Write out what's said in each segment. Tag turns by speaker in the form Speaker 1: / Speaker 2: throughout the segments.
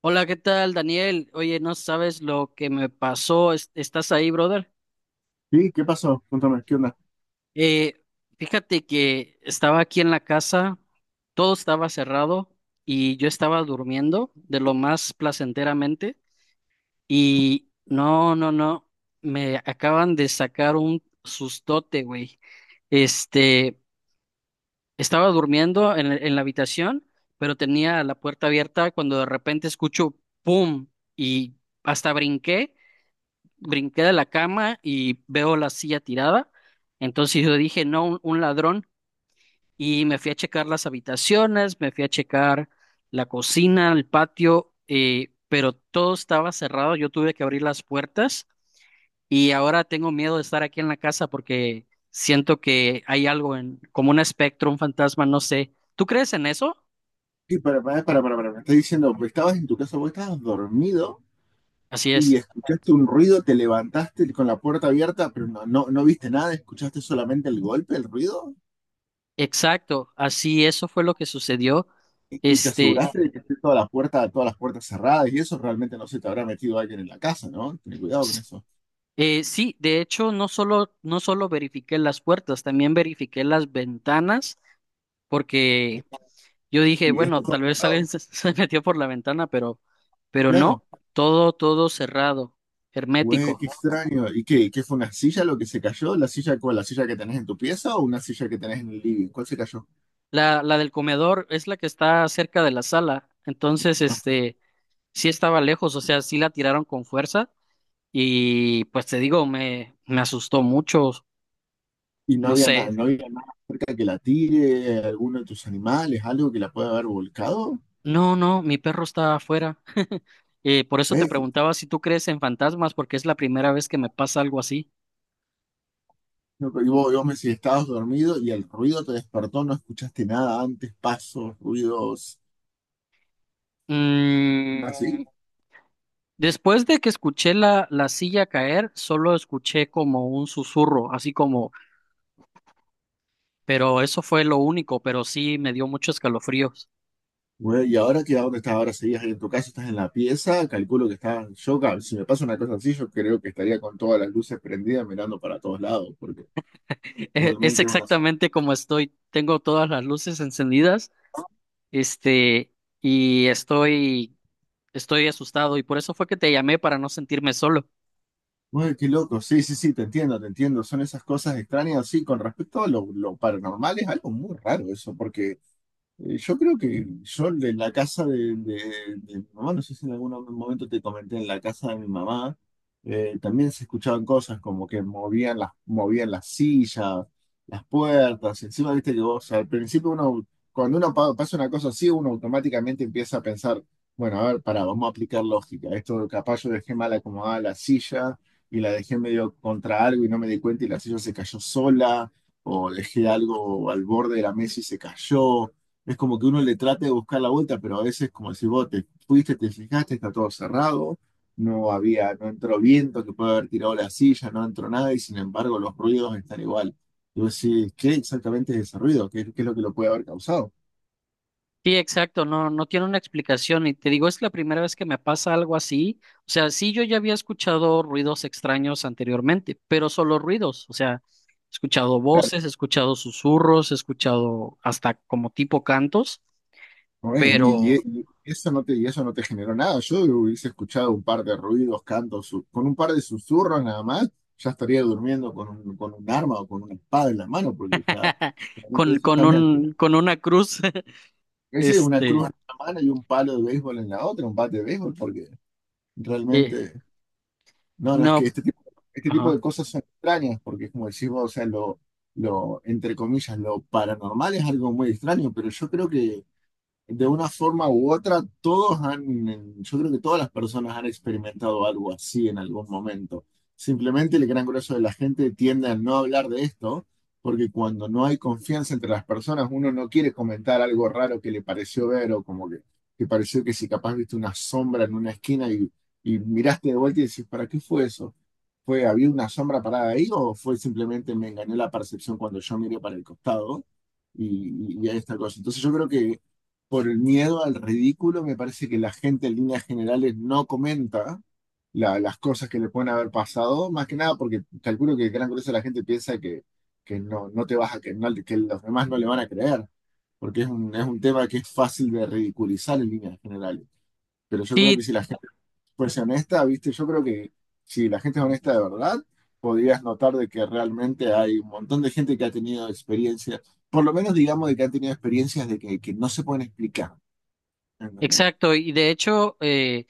Speaker 1: Hola, ¿qué tal, Daniel? Oye, no sabes lo que me pasó. ¿Estás ahí, brother?
Speaker 2: Sí, ¿qué pasó? Cuéntame, ¿qué onda?
Speaker 1: Eh, fíjate que estaba aquí en la casa, todo estaba cerrado y yo estaba durmiendo de lo más placenteramente y no, no, no, me acaban de sacar un sustote, güey. Este, estaba durmiendo en la habitación, pero tenía la puerta abierta cuando de repente escucho ¡pum! Y hasta brinqué. Brinqué de la cama y veo la silla tirada. Entonces yo dije, no, un ladrón. Y me fui a checar las habitaciones, me fui a checar la cocina, el patio, pero todo estaba cerrado. Yo tuve que abrir las puertas y ahora tengo miedo de estar aquí en la casa porque siento que hay algo en, como un espectro, un fantasma, no sé. ¿Tú crees en eso?
Speaker 2: Sí, para, me estás diciendo, pues, estabas en tu casa, vos estabas dormido
Speaker 1: Así
Speaker 2: y
Speaker 1: es.
Speaker 2: escuchaste un ruido, te levantaste con la puerta abierta, pero no, no, no viste nada, escuchaste solamente el golpe, el ruido,
Speaker 1: Exacto, así eso fue lo que sucedió.
Speaker 2: y te
Speaker 1: Este,
Speaker 2: aseguraste de que esté toda la puerta, todas las puertas cerradas, y eso realmente no se te habrá metido alguien en la casa, ¿no? Ten cuidado con eso.
Speaker 1: Sí, de hecho, no solo verifiqué las puertas, también verifiqué las ventanas, porque yo dije,
Speaker 2: Y está
Speaker 1: bueno,
Speaker 2: todo
Speaker 1: tal vez
Speaker 2: cerrado,
Speaker 1: alguien se, se metió por la ventana, pero
Speaker 2: claro.
Speaker 1: no, todo cerrado,
Speaker 2: Güey, qué
Speaker 1: hermético.
Speaker 2: extraño. ¿Y qué fue una silla lo que se cayó? ¿La silla cuál? ¿La silla que tenés en tu pieza o una silla que tenés en el living? ¿Cuál se cayó?
Speaker 1: La del comedor es la que está cerca de la sala, entonces, sí estaba lejos, o sea, sí la tiraron con fuerza, y pues te digo, me asustó mucho,
Speaker 2: Y no
Speaker 1: no
Speaker 2: había
Speaker 1: sé.
Speaker 2: nada, no había nada cerca que la tire, alguno de tus animales, algo que la pueda haber volcado.
Speaker 1: No, no, mi perro está afuera. Por eso te
Speaker 2: ¿Eh?
Speaker 1: preguntaba si tú crees en fantasmas, porque es la primera vez que me pasa algo así.
Speaker 2: No, pero y vos me decís, estabas dormido y el ruido te despertó, no escuchaste nada antes, pasos, ruidos, nada así.
Speaker 1: Mm, después de que escuché la silla caer, solo escuché como un susurro, así como, pero eso fue lo único, pero sí me dio muchos escalofríos.
Speaker 2: Bueno, y ahora qué que dónde estás, ahora seguías ahí en tu casa, estás en la pieza, calculo que estás, yo, si me pasa una cosa así, yo creo que estaría con todas las luces prendidas mirando para todos lados, porque
Speaker 1: Es
Speaker 2: realmente es una.
Speaker 1: exactamente como estoy. Tengo todas las luces encendidas, este, y estoy asustado, y por eso fue que te llamé para no sentirme solo.
Speaker 2: Uy, qué loco, sí, sí, sí, te entiendo, te entiendo. Son esas cosas extrañas, sí, con respecto a lo paranormal es algo muy raro eso, porque yo creo que yo en la casa de mi mamá, no sé si en algún momento te comenté, en la casa de mi mamá también se escuchaban cosas como que movían las sillas, las puertas, encima viste que vos, al principio uno, cuando uno pasa una cosa así, uno automáticamente empieza a pensar, bueno, a ver, pará, vamos a aplicar lógica, esto capaz yo dejé mal acomodada la silla y la dejé medio contra algo y no me di cuenta y la silla se cayó sola, o dejé algo al borde de la mesa y se cayó. Es como que uno le trate de buscar la vuelta, pero a veces, como si vos te fuiste, te fijaste, está todo cerrado, no había, no entró viento que puede haber tirado la silla, no entró nada, y sin embargo los ruidos están igual. Y vos decís, ¿qué exactamente es ese ruido? ¿Qué es lo que lo puede haber causado?
Speaker 1: Sí, exacto, no, no tiene una explicación y te digo, es la primera vez que me pasa algo así. O sea, sí, yo ya había escuchado ruidos extraños anteriormente, pero solo ruidos, o sea, he escuchado
Speaker 2: Claro,
Speaker 1: voces, he escuchado susurros, he escuchado hasta como tipo cantos,
Speaker 2: no es, y,
Speaker 1: pero
Speaker 2: y- y eso no te generó nada. Yo hubiese escuchado un par de ruidos, cantos, con un par de susurros nada más, ya estaría durmiendo con un arma o con una espada en la mano, porque ya realmente eso ya me altera.
Speaker 1: con una cruz.
Speaker 2: Ese es una cruz
Speaker 1: este,
Speaker 2: en una mano y un palo de béisbol en la otra, un bate de béisbol, porque
Speaker 1: eh,
Speaker 2: realmente, no, no, es que
Speaker 1: no,
Speaker 2: este tipo, de
Speaker 1: ajá.
Speaker 2: cosas son extrañas, porque es como decís vos, o sea, lo, entre comillas, lo paranormal es algo muy extraño, pero yo creo que de una forma u otra, todos han, yo creo que todas las personas han experimentado algo así en algún momento. Simplemente el gran grueso de la gente tiende a no hablar de esto, porque cuando no hay confianza entre las personas, uno no quiere comentar algo raro que le pareció ver o como que pareció que si capaz viste una sombra en una esquina y miraste de vuelta y decís, ¿para qué fue eso? ¿Fue, había una sombra parada ahí o fue simplemente me engañó la percepción cuando yo miré para el costado? y, y a esta cosa. Entonces yo creo que por el miedo al ridículo, me parece que la gente en líneas generales no comenta las cosas que le pueden haber pasado, más que nada porque calculo que el gran grueso de la gente piensa que no, no te vas a que, que los demás no le van a creer, porque es un, tema que es fácil de ridiculizar en líneas generales. Pero yo creo que
Speaker 1: Sí,
Speaker 2: si la gente fuese honesta, viste, yo creo que si la gente es honesta de verdad, podrías notar de que realmente hay un montón de gente que ha tenido experiencias, por lo menos digamos de que han tenido experiencias de que no se pueden explicar. ¿Entendés?
Speaker 1: exacto, y de hecho,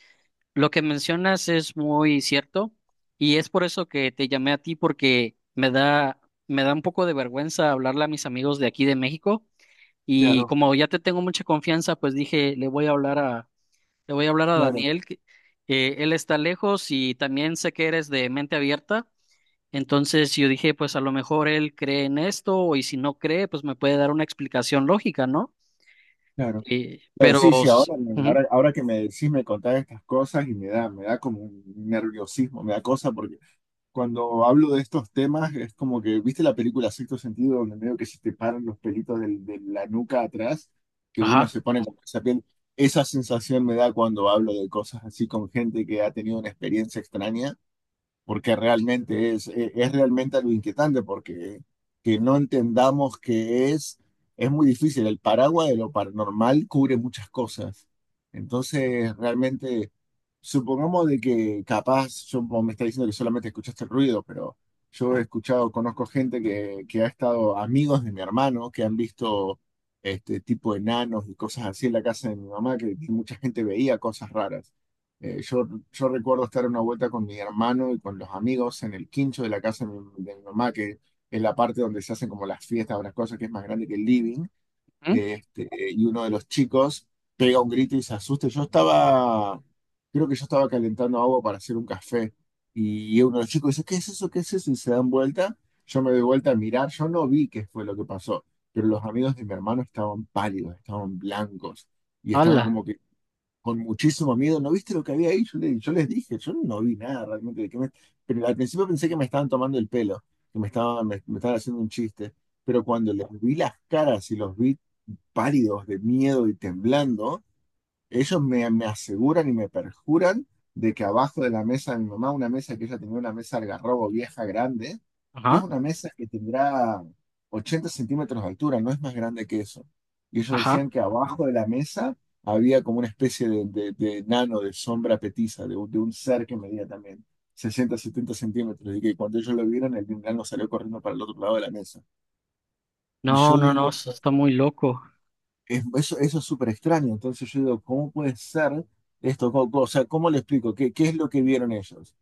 Speaker 1: lo que mencionas es muy cierto y es por eso que te llamé a ti porque me da un poco de vergüenza hablarle a mis amigos de aquí de México y
Speaker 2: Claro,
Speaker 1: como ya te tengo mucha confianza, pues dije, le voy a hablar a
Speaker 2: claro,
Speaker 1: Daniel que él está lejos y también sé que eres de mente abierta, entonces yo dije, pues a lo mejor él cree en esto y si no cree, pues me puede dar una explicación lógica, ¿no?
Speaker 2: claro, claro.
Speaker 1: Pero
Speaker 2: Sí, sí, ahora, me-
Speaker 1: ujú,
Speaker 2: ahora, ahora que me decís, me contás estas cosas y me da como un nerviosismo, me da cosa, porque cuando hablo de estos temas es como que, ¿viste la película Sexto Sentido, donde medio que se te paran los pelitos de la nuca atrás, que uno
Speaker 1: ajá,
Speaker 2: se pone como esa piel? Esa sensación me da cuando hablo de cosas así con gente que ha tenido una experiencia extraña. Porque realmente es realmente algo inquietante, porque que no entendamos que es muy difícil. El paraguas de lo paranormal cubre muchas cosas. Entonces, realmente, supongamos de que capaz, yo vos me está diciendo que solamente escuchaste el ruido, pero yo he escuchado, conozco gente que ha estado amigos de mi hermano, que han visto este tipo de enanos y cosas así en la casa de mi mamá, que mucha gente veía cosas raras. Eh, yo, yo recuerdo estar una vuelta con mi hermano y con los amigos en el quincho de la casa de mi mamá, que es la parte donde se hacen como las fiestas o las cosas que es más grande que el living.
Speaker 1: ujú,
Speaker 2: Y uno de los chicos pega un grito y se asusta. Yo estaba, creo que yo estaba calentando agua para hacer un café. Y uno de los chicos dice, ¿qué es eso? ¿Qué es eso? Y se dan vuelta. Yo me doy vuelta a mirar. Yo no vi qué fue lo que pasó, pero los amigos de mi hermano estaban pálidos, estaban blancos y estaban
Speaker 1: ala,
Speaker 2: como que con muchísimo miedo. ¿No viste lo que había ahí? Yo les dije, yo no vi nada realmente. Pero al principio pensé que me estaban tomando el pelo, que me estaban haciendo un chiste. Pero cuando les vi las caras y los vi pálidos de miedo y temblando, ellos me aseguran y me perjuran de que abajo de la mesa de mi mamá, una mesa que ella tenía, una mesa algarrobo vieja grande, que es
Speaker 1: ajá,
Speaker 2: una mesa que tendrá 80 centímetros de altura, no es más grande que eso. Y ellos
Speaker 1: ajá.
Speaker 2: decían que abajo de la mesa había como una especie de nano, de sombra petiza, de un ser que medía también 60, 70 centímetros. Y que cuando ellos lo vieron, el nano salió corriendo para el otro lado de la mesa. Y
Speaker 1: No,
Speaker 2: yo
Speaker 1: no, no,
Speaker 2: digo,
Speaker 1: eso está muy loco.
Speaker 2: eso es súper extraño. Entonces yo digo, ¿cómo puede ser esto? O sea, ¿cómo le explico? ¿Qué es lo que vieron ellos?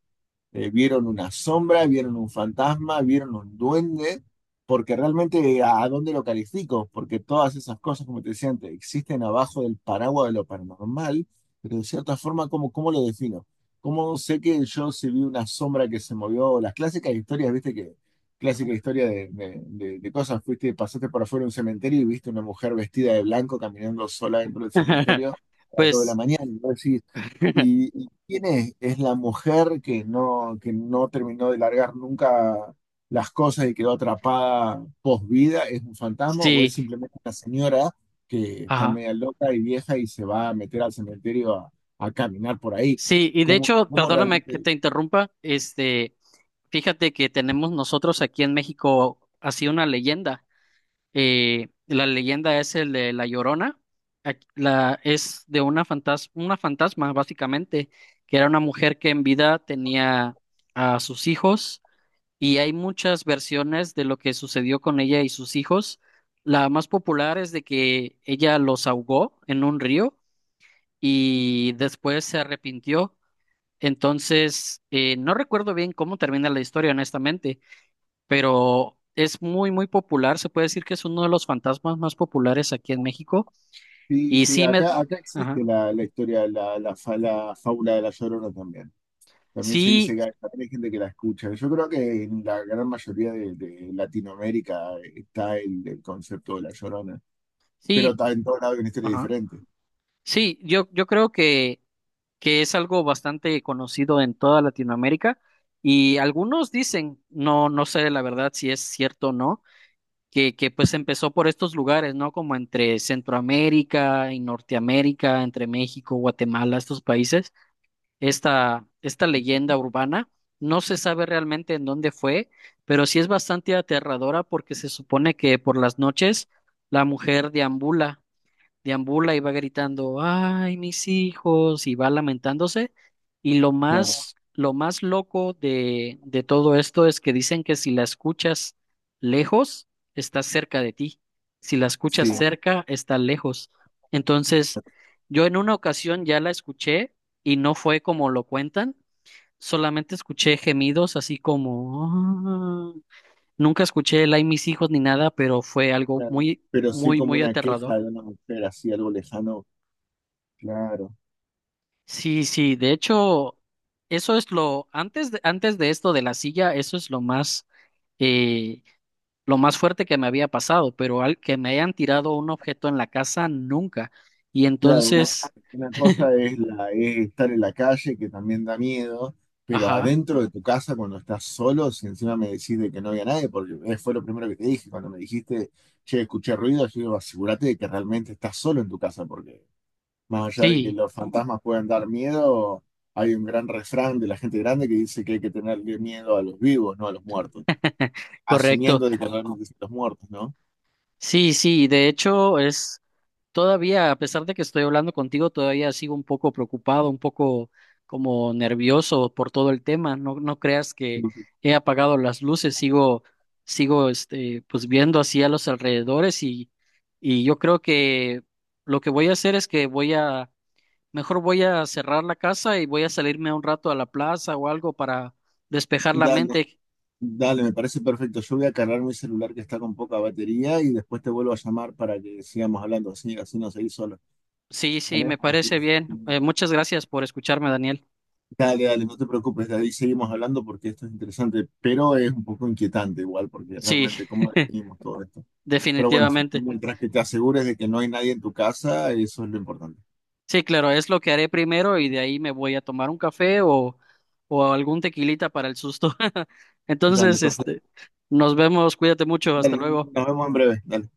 Speaker 2: Vieron una sombra, vieron un fantasma, vieron un duende, porque realmente a dónde lo califico, porque todas esas cosas, como te decía antes, existen abajo del paraguas de lo paranormal, pero de cierta forma, ¿cómo lo defino? ¿Cómo sé que yo si vi una sombra que se movió? Las clásicas historias, viste que clásica historia de cosas, fuiste, pasaste por afuera de un cementerio y viste una mujer vestida de blanco caminando sola dentro del cementerio a las 2 de la
Speaker 1: Pues
Speaker 2: mañana, y vos decís, ¿quién es? Es la mujer que no terminó de largar nunca las cosas y quedó atrapada post vida, ¿es un fantasma o es
Speaker 1: sí,
Speaker 2: simplemente una señora que está
Speaker 1: ajá.
Speaker 2: media loca y vieja y se va a meter al cementerio a caminar por ahí?
Speaker 1: Sí, y de
Speaker 2: ¿Cómo,
Speaker 1: hecho,
Speaker 2: cómo
Speaker 1: perdóname que
Speaker 2: realmente?
Speaker 1: te interrumpa, fíjate que tenemos nosotros aquí en México así una leyenda. La leyenda es el de La Llorona. Es de una fantasma, básicamente, que era una mujer que en vida tenía a sus hijos y hay muchas versiones de lo que sucedió con ella y sus hijos. La más popular es de que ella los ahogó en un río y después se arrepintió. Entonces, no recuerdo bien cómo termina la historia, honestamente, pero es muy, muy popular. Se puede decir que es uno de los fantasmas más populares aquí en México.
Speaker 2: Sí,
Speaker 1: Y
Speaker 2: sí,
Speaker 1: sí me...
Speaker 2: acá, acá
Speaker 1: Ajá.
Speaker 2: existe la historia, la fábula de la Llorona también. También se dice
Speaker 1: Sí,
Speaker 2: que hay, también hay gente que la escucha. Yo creo que en la gran mayoría de Latinoamérica está el concepto de la Llorona. Pero
Speaker 1: sí,
Speaker 2: está en todos lados hay una historia
Speaker 1: ajá.
Speaker 2: diferente.
Speaker 1: Sí, yo creo que es algo bastante conocido en toda Latinoamérica y algunos dicen, no, no sé la verdad si es cierto o no, que pues empezó por estos lugares, ¿no? Como entre Centroamérica y Norteamérica, entre México, Guatemala, estos países, esta leyenda urbana. No se sabe realmente en dónde fue, pero sí es bastante aterradora porque se supone que por las noches la mujer deambula deambula y va gritando, ay, mis hijos, y va lamentándose. Y
Speaker 2: Claro,
Speaker 1: lo más loco de todo esto es que dicen que si la escuchas lejos, está cerca de ti. Si la escuchas
Speaker 2: sí.
Speaker 1: cerca, está lejos. Entonces, yo en una ocasión ya la escuché y no fue como lo cuentan, solamente escuché gemidos así como, "Ah". Nunca escuché el ay, mis hijos ni nada, pero fue algo
Speaker 2: Claro.
Speaker 1: muy,
Speaker 2: Pero sí
Speaker 1: muy,
Speaker 2: como
Speaker 1: muy
Speaker 2: una
Speaker 1: aterrador.
Speaker 2: queja de una mujer así, algo lejano, claro.
Speaker 1: Sí, sí, de hecho, antes de esto de la silla, eso es eh, lo más fuerte que me había pasado, pero al que me hayan tirado un objeto en la casa, nunca. Y
Speaker 2: Claro, una,
Speaker 1: entonces,
Speaker 2: una cosa es, es estar en la calle, que también da miedo, pero
Speaker 1: ajá,
Speaker 2: adentro de tu casa cuando estás solo, si encima me decís de que no había nadie, porque fue lo primero que te dije, cuando me dijiste, che, escuché ruido, yo digo, asegúrate de que realmente estás solo en tu casa, porque más allá de que
Speaker 1: sí,
Speaker 2: los fantasmas puedan dar miedo, hay un gran refrán de la gente grande que dice que hay que tenerle miedo a los vivos, no a los muertos,
Speaker 1: correcto.
Speaker 2: asumiendo de que realmente son los muertos, ¿no?
Speaker 1: Sí, sí, de hecho, es Todavía, a pesar de que estoy hablando contigo, todavía sigo un poco preocupado, un poco como nervioso por todo el tema. No, no creas
Speaker 2: Sí,
Speaker 1: que
Speaker 2: sí.
Speaker 1: he apagado las luces, sigo, pues viendo hacia los alrededores y yo creo que lo que voy a hacer es que mejor voy a cerrar la casa y voy a salirme un rato a la plaza o algo para despejar la
Speaker 2: Dale,
Speaker 1: mente.
Speaker 2: dale, me parece perfecto. Yo voy a cargar mi celular que está con poca batería y después te vuelvo a llamar para que sigamos hablando, así, así no seguís solo,
Speaker 1: Sí, sí,
Speaker 2: ¿vale?
Speaker 1: me
Speaker 2: Así.
Speaker 1: parece bien. Muchas gracias por escucharme, Daniel.
Speaker 2: Dale, dale, no te preocupes, de ahí seguimos hablando porque esto es interesante, pero es un poco inquietante igual, porque
Speaker 1: Sí,
Speaker 2: realmente cómo definimos todo esto. Pero bueno,
Speaker 1: definitivamente.
Speaker 2: mientras que te asegures de que no hay nadie en tu casa, eso es lo importante.
Speaker 1: Sí, claro, es lo que haré primero y de ahí me voy a tomar un café o algún tequilita para el susto.
Speaker 2: Dale,
Speaker 1: Entonces,
Speaker 2: perfecto.
Speaker 1: nos vemos, cuídate mucho, hasta
Speaker 2: Dale,
Speaker 1: luego.
Speaker 2: nos vemos en breve. Dale.